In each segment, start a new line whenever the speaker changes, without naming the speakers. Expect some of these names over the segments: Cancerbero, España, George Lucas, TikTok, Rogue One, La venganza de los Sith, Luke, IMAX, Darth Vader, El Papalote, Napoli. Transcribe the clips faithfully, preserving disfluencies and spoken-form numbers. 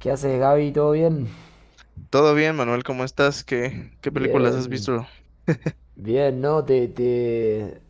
¿Qué haces, Gaby? ¿Todo bien?
Todo bien, Manuel, ¿cómo estás? ¿Qué, qué películas has
Bien,
visto?
bien, ¿no? Te, te,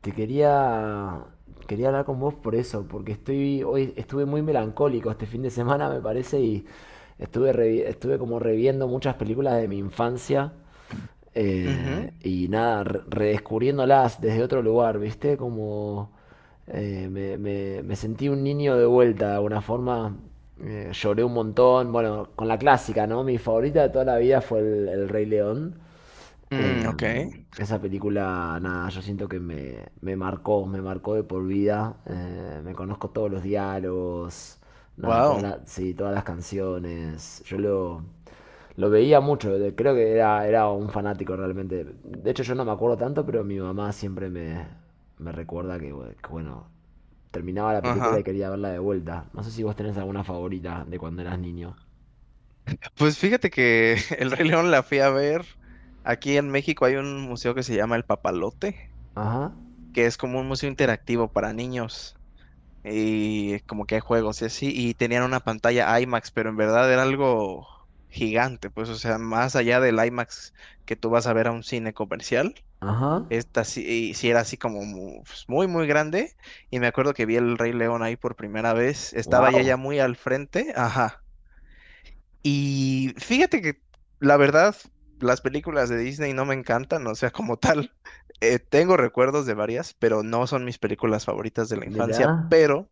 te quería, quería hablar con vos por eso, porque estoy, hoy estuve muy melancólico este fin de semana, me parece, y estuve, revi- estuve como reviendo muchas películas de mi infancia.
Ujú.
Eh, y nada, re- redescubriéndolas desde otro lugar, ¿viste? Como eh, me, me- me sentí un niño de vuelta, de alguna forma. Eh, lloré un montón. Bueno, con la clásica, ¿no? Mi favorita de toda la vida fue el, el Rey León.
Mm,
Eh,
ok,
Esa película, nada, yo siento que me, me marcó, me marcó de por vida. Eh, me conozco todos los diálogos, nada, toda
wow,
la- sí, todas las canciones. Yo lo, lo veía mucho, de- creo que era, era un fanático realmente. De hecho, yo no me acuerdo tanto, pero mi mamá siempre me, me recuerda que, bu- que, bueno, terminaba la película y
ajá.
quería verla de vuelta. No sé si vos tenés alguna favorita de cuando eras niño.
Pues fíjate que El Rey León la fui a ver. Aquí en México hay un museo que se llama El Papalote,
Ajá,
que es como un museo interactivo para niños y como que hay juegos y así. Y tenían una pantalla IMAX, pero en verdad era algo gigante, pues, o sea, más allá del IMAX que tú vas a ver a un cine comercial.
ajá.
Esta sí, sí era así como mu- pues, muy, muy grande. Y me acuerdo que vi el Rey León ahí por primera vez. Estaba ya
Wow.
ya muy al frente. Ajá. Y fíjate que la verdad, las películas de Disney no me encantan. O sea, como tal, eh, tengo recuerdos de varias, pero no son mis películas favoritas de la
Mirá.
infancia. Pero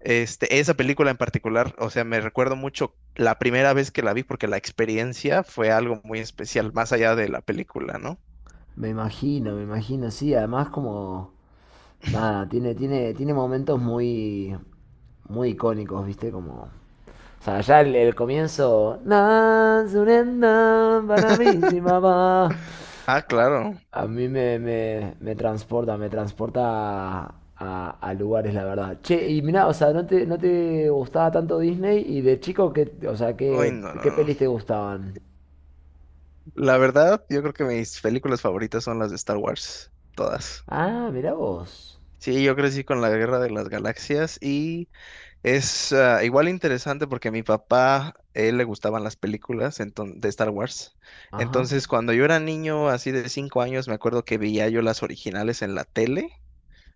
este, esa película en particular, o sea, me recuerdo mucho la primera vez que la vi porque la experiencia fue algo muy especial, más allá de la película, ¿no?
Me imagino, me imagino, sí, además como nada, tiene tiene tiene momentos muy muy icónicos, ¿viste? Como o sea, ya el, el comienzo "Na, surenda, para mí, sí, mamá".
Ah, claro.
A mí me, me, me transporta, me transporta a, a- a lugares, la verdad. Che, y mirá, o sea, ¿no te, no te gustaba tanto Disney? Y de chico, ¿qué, o sea,
Uy,
qué,
no, no,
qué
no.
pelis te gustaban?
La verdad, yo creo que mis películas favoritas son las de Star Wars, todas.
Ah, mirá vos.
Sí, yo crecí con la Guerra de las Galaxias y es ah, igual interesante porque a mi papá, él le gustaban las películas enton- de Star Wars.
Ajá,
Entonces, cuando yo era niño, así de cinco años, me acuerdo que veía yo las originales en la tele,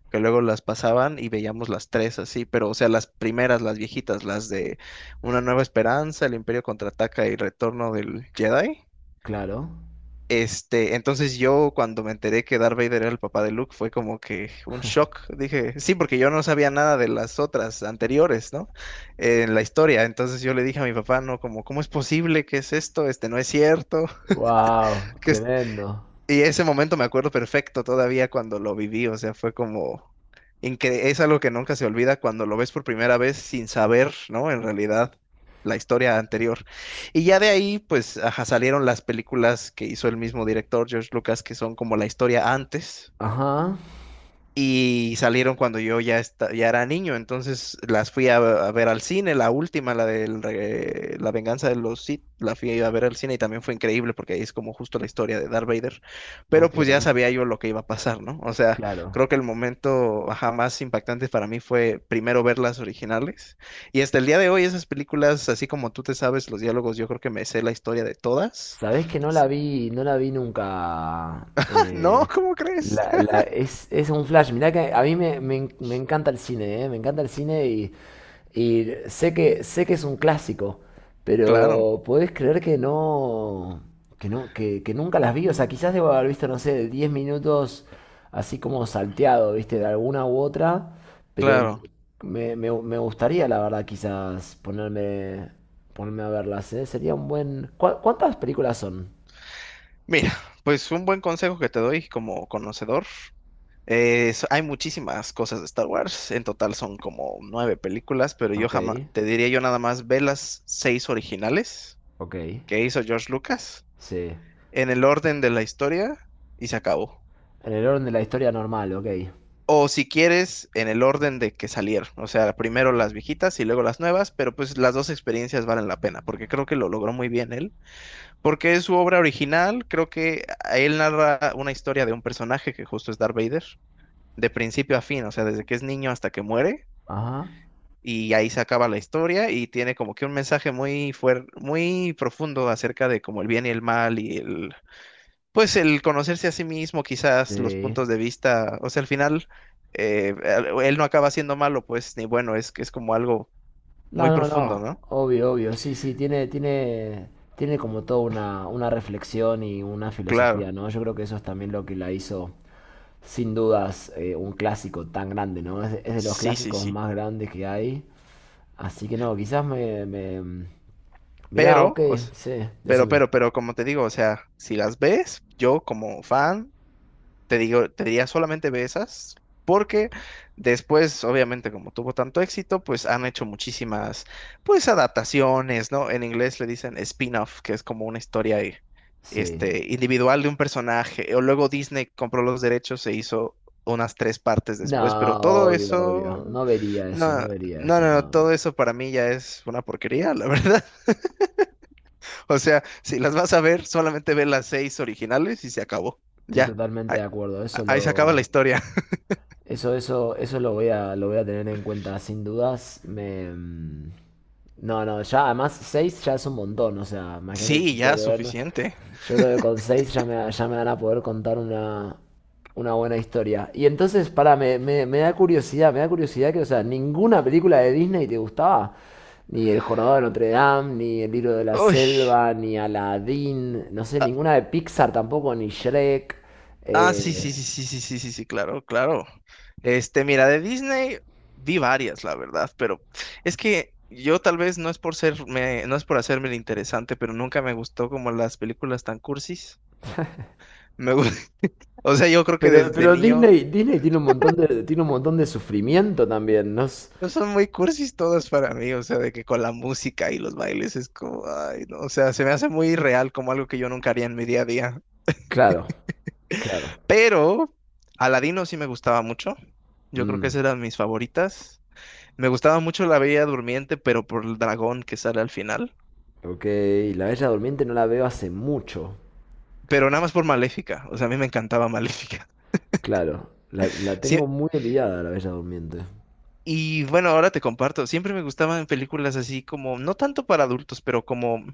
que luego las pasaban y veíamos las tres así, pero o sea, las primeras, las viejitas, las de Una Nueva Esperanza, El Imperio Contraataca y Retorno del Jedi.
claro.
Este, entonces yo cuando me enteré que Darth Vader era el papá de Luke fue como que un shock. Dije, sí, porque yo no sabía nada de las otras anteriores, ¿no? Eh, En la historia. Entonces yo le dije a mi papá, no, como, ¿cómo es posible? ¿Qué es esto? Este no es cierto.
Wow,
¿Qué, es-
tremendo.
y ese momento me acuerdo perfecto todavía cuando lo viví, o sea, fue como incre- es algo que nunca se olvida cuando lo ves por primera vez sin saber, ¿no? En realidad, la historia anterior. Y ya de ahí, pues, ajá, salieron las películas que hizo el mismo director, George Lucas, que son como la historia antes,
Ajá,
y salieron cuando yo ya, esta- ya era niño, entonces las fui a, a ver al cine, la última, la de La Venganza de los Sith, la fui a ver al cine y también fue increíble porque ahí es como justo la historia de Darth Vader, pero
ok,
pues ya sabía yo lo que iba a pasar, ¿no? O sea,
claro.
creo que el momento, ajá, más impactante para mí fue primero ver las originales y hasta el día de hoy esas películas, así como tú te sabes los diálogos, yo creo que me sé la historia de todas.
Sabés que no la vi, no la vi nunca.
No,
eh,
¿cómo crees?
la- la- es, es un flash. Mirá que a mí me, me en- me encanta el cine, eh, me encanta el cine y Y sé que, sé que es un clásico,
Claro,
pero podés creer que no, que no, que, que nunca las vi. O sea, quizás debo haber visto, no sé, diez minutos así como salteado, ¿viste? De alguna u otra, pero
claro.
me, me- me gustaría, la verdad, quizás ponerme, ponerme a verlas, ¿eh? Sería un buen... ¿Cuá- Cuántas películas son?
Mira, pues un buen consejo que te doy como conocedor. Es- hay muchísimas cosas de Star Wars, en total son como nueve películas, pero yo
Ok,
jamás, te diría yo nada más ve las seis originales
ok,
que hizo George Lucas
sí.
en el orden de la historia y se acabó.
En el orden de la historia normal, ok.
O si quieres, en el orden de que salieron, o sea, primero las viejitas y luego las nuevas, pero pues las dos experiencias valen la pena, porque creo que lo logró muy bien él, porque es su obra original, creo que a él narra una historia de un personaje que justo es Darth Vader de principio a fin, o sea, desde que es niño hasta que muere,
Ajá,
y ahí se acaba la historia y tiene como que un mensaje muy fuerte, muy profundo acerca de como el bien y el mal y el, pues el conocerse a sí mismo, quizás los
sí.
puntos de vista, o sea, al final eh, él él no acaba siendo malo, pues, ni bueno, es que es como algo muy
No, no,
profundo,
no,
¿no?
obvio, obvio, sí, sí, tiene, tiene, tiene como toda una, una reflexión y una
Claro,
filosofía, ¿no? Yo creo que eso es también lo que la hizo, sin dudas, eh, un clásico tan grande, ¿no? Es, de es de los
sí, sí,
clásicos
sí,
más grandes que hay, así que no, quizás me, me... Mirá, ok,
pero, o s-
sí,
pero,
decime.
pero, pero, como te digo, o sea, si las ves, yo como fan Te digo, te diría solamente ve esas, porque después, obviamente, como tuvo tanto éxito, pues han hecho muchísimas, pues, adaptaciones, ¿no? En inglés le dicen spin-off, que es como una historia, eh,
Sí.
este, individual de un personaje. O luego Disney compró los derechos, se hizo unas tres partes
No,
después, pero todo
obvio, obvio,
eso,
no vería eso,
no,
no vería
no, no,
eso,
no,
no,
todo
no.
eso para mí ya es una porquería, la verdad. O sea, si las vas a ver, solamente ve las seis originales y se acabó.
Estoy
Ya,
totalmente
ahí,
de acuerdo, eso
ahí se acaba la
lo...
historia.
Eso, eso, eso lo voy a, lo voy a tener en cuenta sin dudas. Me... mm, no, no, ya además seis ya es un montón, o sea, imagínate,
Sí,
tengo
ya,
que ver, ¿no?
suficiente.
Yo creo que con seis ya me, ya me van a poder contar una, una buena historia. Y entonces, para, me, me, me da curiosidad, me da curiosidad que, o sea, ninguna película de Disney te gustaba. Ni El Jorobado de Notre Dame, ni El Libro de la
Uy.
Selva, ni Aladdin, no sé, ninguna de Pixar tampoco, ni Shrek.
Ah, sí, sí,
Eh,
sí, sí, sí, sí, sí, sí, claro, claro. Este, mira, de Disney vi varias, la verdad, pero es que yo tal vez no es por ser, me- no es por hacerme el interesante, pero nunca me gustó como las películas tan cursis. Me, gu- o sea, yo creo que
Pero,
desde
pero
niño
Disney, Disney tiene un montón de, tiene un montón de sufrimiento también, ¿no? es-
no son muy cursis todas para mí, o sea, de que con la música y los bailes es como, ay, no, o sea, se me hace muy real como algo que yo nunca haría en mi día a día.
Claro, claro.
Pero Aladino sí me gustaba mucho. Yo creo que
Mm,
esas eran mis favoritas. Me gustaba mucho La Bella Durmiente, pero por el dragón que sale al final.
ok, La Bella Durmiente no la veo hace mucho.
Pero nada más por Maléfica. O sea, a mí me encantaba Maléfica.
Claro, la, la
Sí,
tengo muy olvidada, la Bella Durmiente.
y bueno, ahora te comparto. Siempre me gustaban películas así como, no tanto para adultos, pero como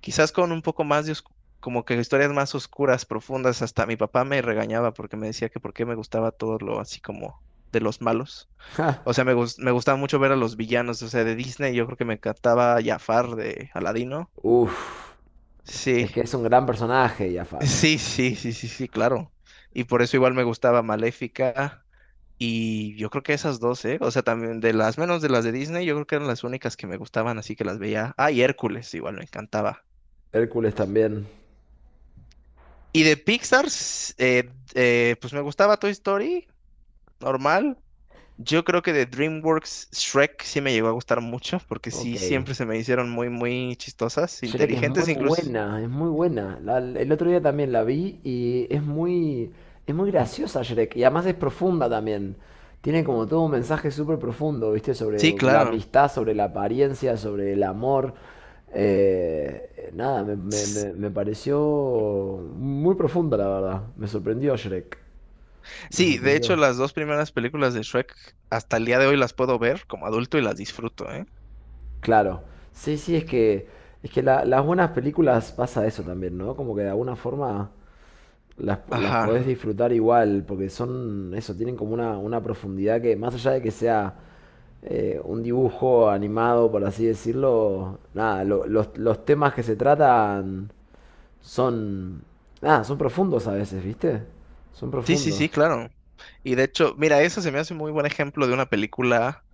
quizás con un poco más de oscu- como que historias más oscuras, profundas. Hasta mi papá me regañaba porque me decía que por qué me gustaba todo lo así como de los malos.
Ja,
O sea, me, gus- me gustaba mucho ver a los villanos, o sea, de Disney. Yo creo que me encantaba Jafar de Aladino.
Uf,
Sí,
es que es un gran personaje, Jafar.
sí, sí, sí, sí, sí, claro. Y por eso igual me gustaba Maléfica. Y yo creo que esas dos, ¿eh? O sea, también de las menos de las de Disney, yo creo que eran las únicas que me gustaban, así que las veía. Ah, y Hércules, igual me encantaba.
Hércules también.
Y de Pixar, s- eh, eh, pues me gustaba Toy Story, normal. Yo creo que de DreamWorks Shrek sí me llegó a gustar mucho, porque
Ok.
sí, siempre se me hicieron muy, muy chistosas,
Shrek es muy
inteligentes incluso.
buena, es muy buena. La- el otro día también la vi y es muy, es muy graciosa Shrek. Y además es profunda también. Tiene como todo un mensaje súper profundo, ¿viste? Sobre
Sí,
la
claro.
amistad, sobre la apariencia, sobre el amor. Eh, nada, me, me-
S-
me- me pareció muy profunda, la verdad. Me sorprendió Shrek. Me
Sí, de hecho
sorprendió.
las dos primeras películas de Shrek hasta el día de hoy las puedo ver como adulto y las disfruto, ¿eh?
Claro. Sí, sí, es que, es que la- las buenas películas pasa eso también, ¿no? Como que de alguna forma Las, las podés
Ajá.
disfrutar igual, porque son, eso, tienen como una, una profundidad que, más allá de que sea eh, un dibujo animado, por así decirlo, nada, lo- los, los temas que se tratan son, nada, son profundos a veces, ¿viste? Son
Sí, sí, sí,
profundos.
claro. Y de hecho, mira, eso se me hace muy buen ejemplo de una película,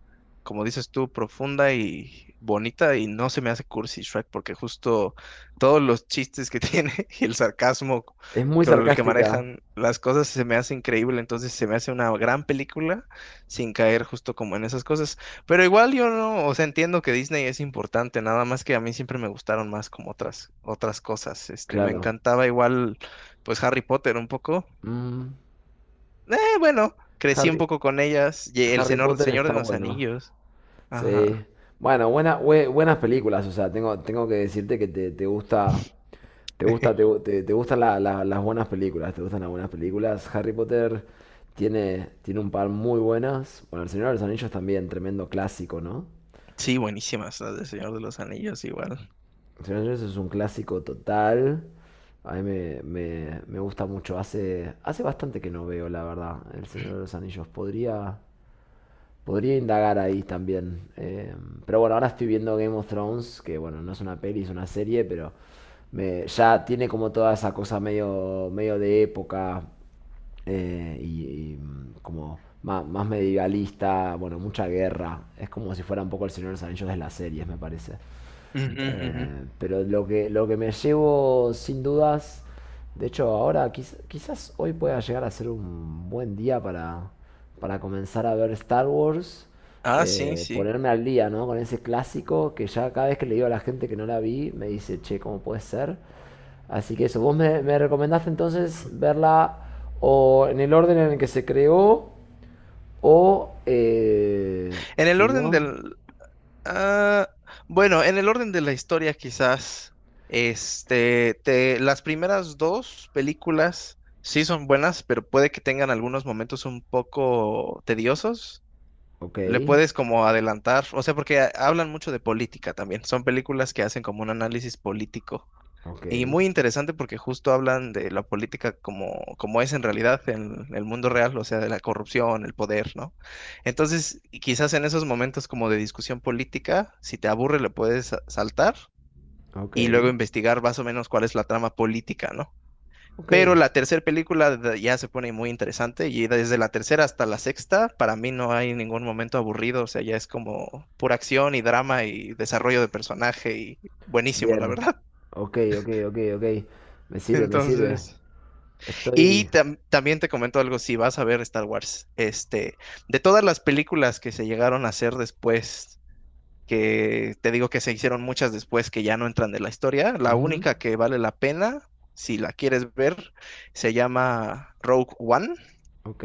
como dices tú, profunda y bonita, y no se me hace cursi Shrek, porque justo todos los chistes que tiene y el sarcasmo
Es muy
con el que
sarcástica,
manejan las cosas se me hace increíble, entonces se me hace una gran película sin caer justo como en esas cosas. Pero igual yo no, o sea, entiendo que Disney es importante, nada más que a mí siempre me gustaron más como otras, otras cosas. Este, me
claro.
encantaba igual, pues Harry Potter un poco.
Mm,
Eh, bueno, crecí un
Harry,
poco con ellas. Y el
Harry
Señor,
Potter
Señor
está
de los
bueno.
Anillos.
Sí.
Ajá.
Bueno, buena, bue- buenas películas, o sea, tengo, tengo que decirte que te, te gusta. ¿Te gusta, te, gu- te- te gustan la- la- las buenas películas? ¿Te gustan las buenas películas? Harry Potter tiene, tiene un par muy buenas. Bueno, El Señor de los Anillos también, tremendo clásico, ¿no?
Sí, buenísimas las del Señor de los Anillos, igual.
El Señor de los Anillos es un clásico total. A mí me, me- me gusta mucho. Hace, hace bastante que no veo, la verdad, El Señor de los Anillos. Podría, podría indagar ahí también. Eh, pero bueno, ahora estoy viendo Game of Thrones, que bueno, no es una peli, es una serie, pero me- ya tiene como toda esa cosa medio, medio de época, eh, y, y, mm, como ma- más, medievalista, bueno, mucha guerra. Es como si fuera un poco el Señor de los Anillos de las series, me parece.
Ujú, ujú.
Eh, pero lo que, lo que me llevo sin dudas, de hecho ahora quiz- quizás hoy pueda llegar a ser un buen día para, para comenzar a ver Star Wars,
Ah, sí,
eh,
sí.
ponerme al día, ¿no? Con ese clásico que ya cada vez que le digo a la gente que no la vi, me dice, che, ¿cómo puede ser? Así que eso, vos me, me recomendaste entonces verla o en el orden en el que se creó o eh,
En el
si
orden
no,
del... ah, bueno, en el orden de la historia quizás, este, te- las primeras dos películas sí son buenas, pero puede que tengan algunos momentos un poco tediosos,
ok,
le puedes como adelantar, o sea, porque ha- hablan mucho de política también. Son películas que hacen como un análisis político.
ok.
Y muy interesante porque justo hablan de la política como, como es en realidad en el mundo real, o sea, de la corrupción, el poder, ¿no? Entonces, y quizás en esos momentos como de discusión política, si te aburre, le puedes sa- saltar
Ok,
y luego investigar más o menos cuál es la trama política, ¿no?
ok.
Pero la tercera película de- ya se pone muy interesante y desde la tercera hasta la sexta, para mí no hay ningún momento aburrido, o sea, ya es como pura acción y drama y desarrollo de personaje y buenísimo, la
Bien.
verdad.
Ok, ok, ok, ok. Me sirve, me sirve.
Entonces,
Estoy...
y tam- también te comento algo, si vas a ver Star Wars, este, de todas las películas que se llegaron a hacer después, que te digo que se hicieron muchas después que ya no entran de la historia, la
ujú,
única que vale la pena, si la quieres ver, se llama Rogue One.
ok,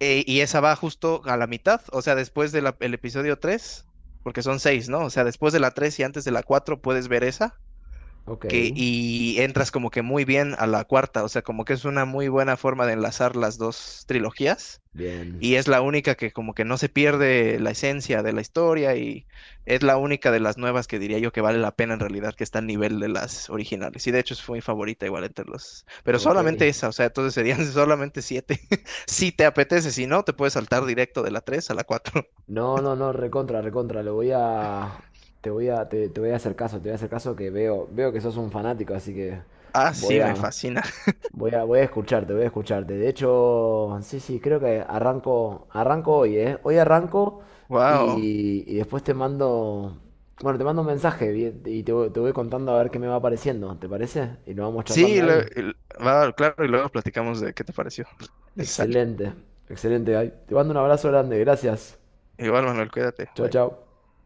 Eh, y esa va justo a la mitad, o sea, después del episodio tres, porque son seis, ¿no? O sea, después de la tres y antes de la cuatro puedes ver esa,
ok.
que, y entras como que muy bien a la cuarta, o sea, como que es una muy buena forma de enlazar las dos trilogías
Bien.
y es la única que como que no se pierde la esencia de la historia y es la única de las nuevas que diría yo que vale la pena en realidad, que está al nivel de las originales. Y de hecho es mi favorita igual entre los... Pero
Ok.
solamente esa, o sea, entonces serían solamente siete. Si te apetece, si no, te puedes saltar directo de la tres a la cuatro.
No, no, no, recontra, recontra. Lo voy a... Te voy a, te, te voy a hacer caso, te voy a hacer caso que veo, veo que sos un fanático, así que
Ah,
voy
sí, me
a...
fascina.
Voy a, voy a escucharte, voy a escucharte. De hecho, sí, sí, creo que arranco, arranco hoy, ¿eh? Hoy arranco
Wow.
y, y después te mando, bueno, te mando un mensaje bien, y te, voy- te voy contando a ver qué me va apareciendo, ¿te parece? Y lo vamos
Sí,
charlando
lo-
ahí.
el- va, claro, y luego platicamos de qué te pareció. Sale.
Excelente, excelente, Gaby. Te mando un abrazo grande, gracias.
Igual, Manuel, cuídate.
Chao,
Bye.
chao.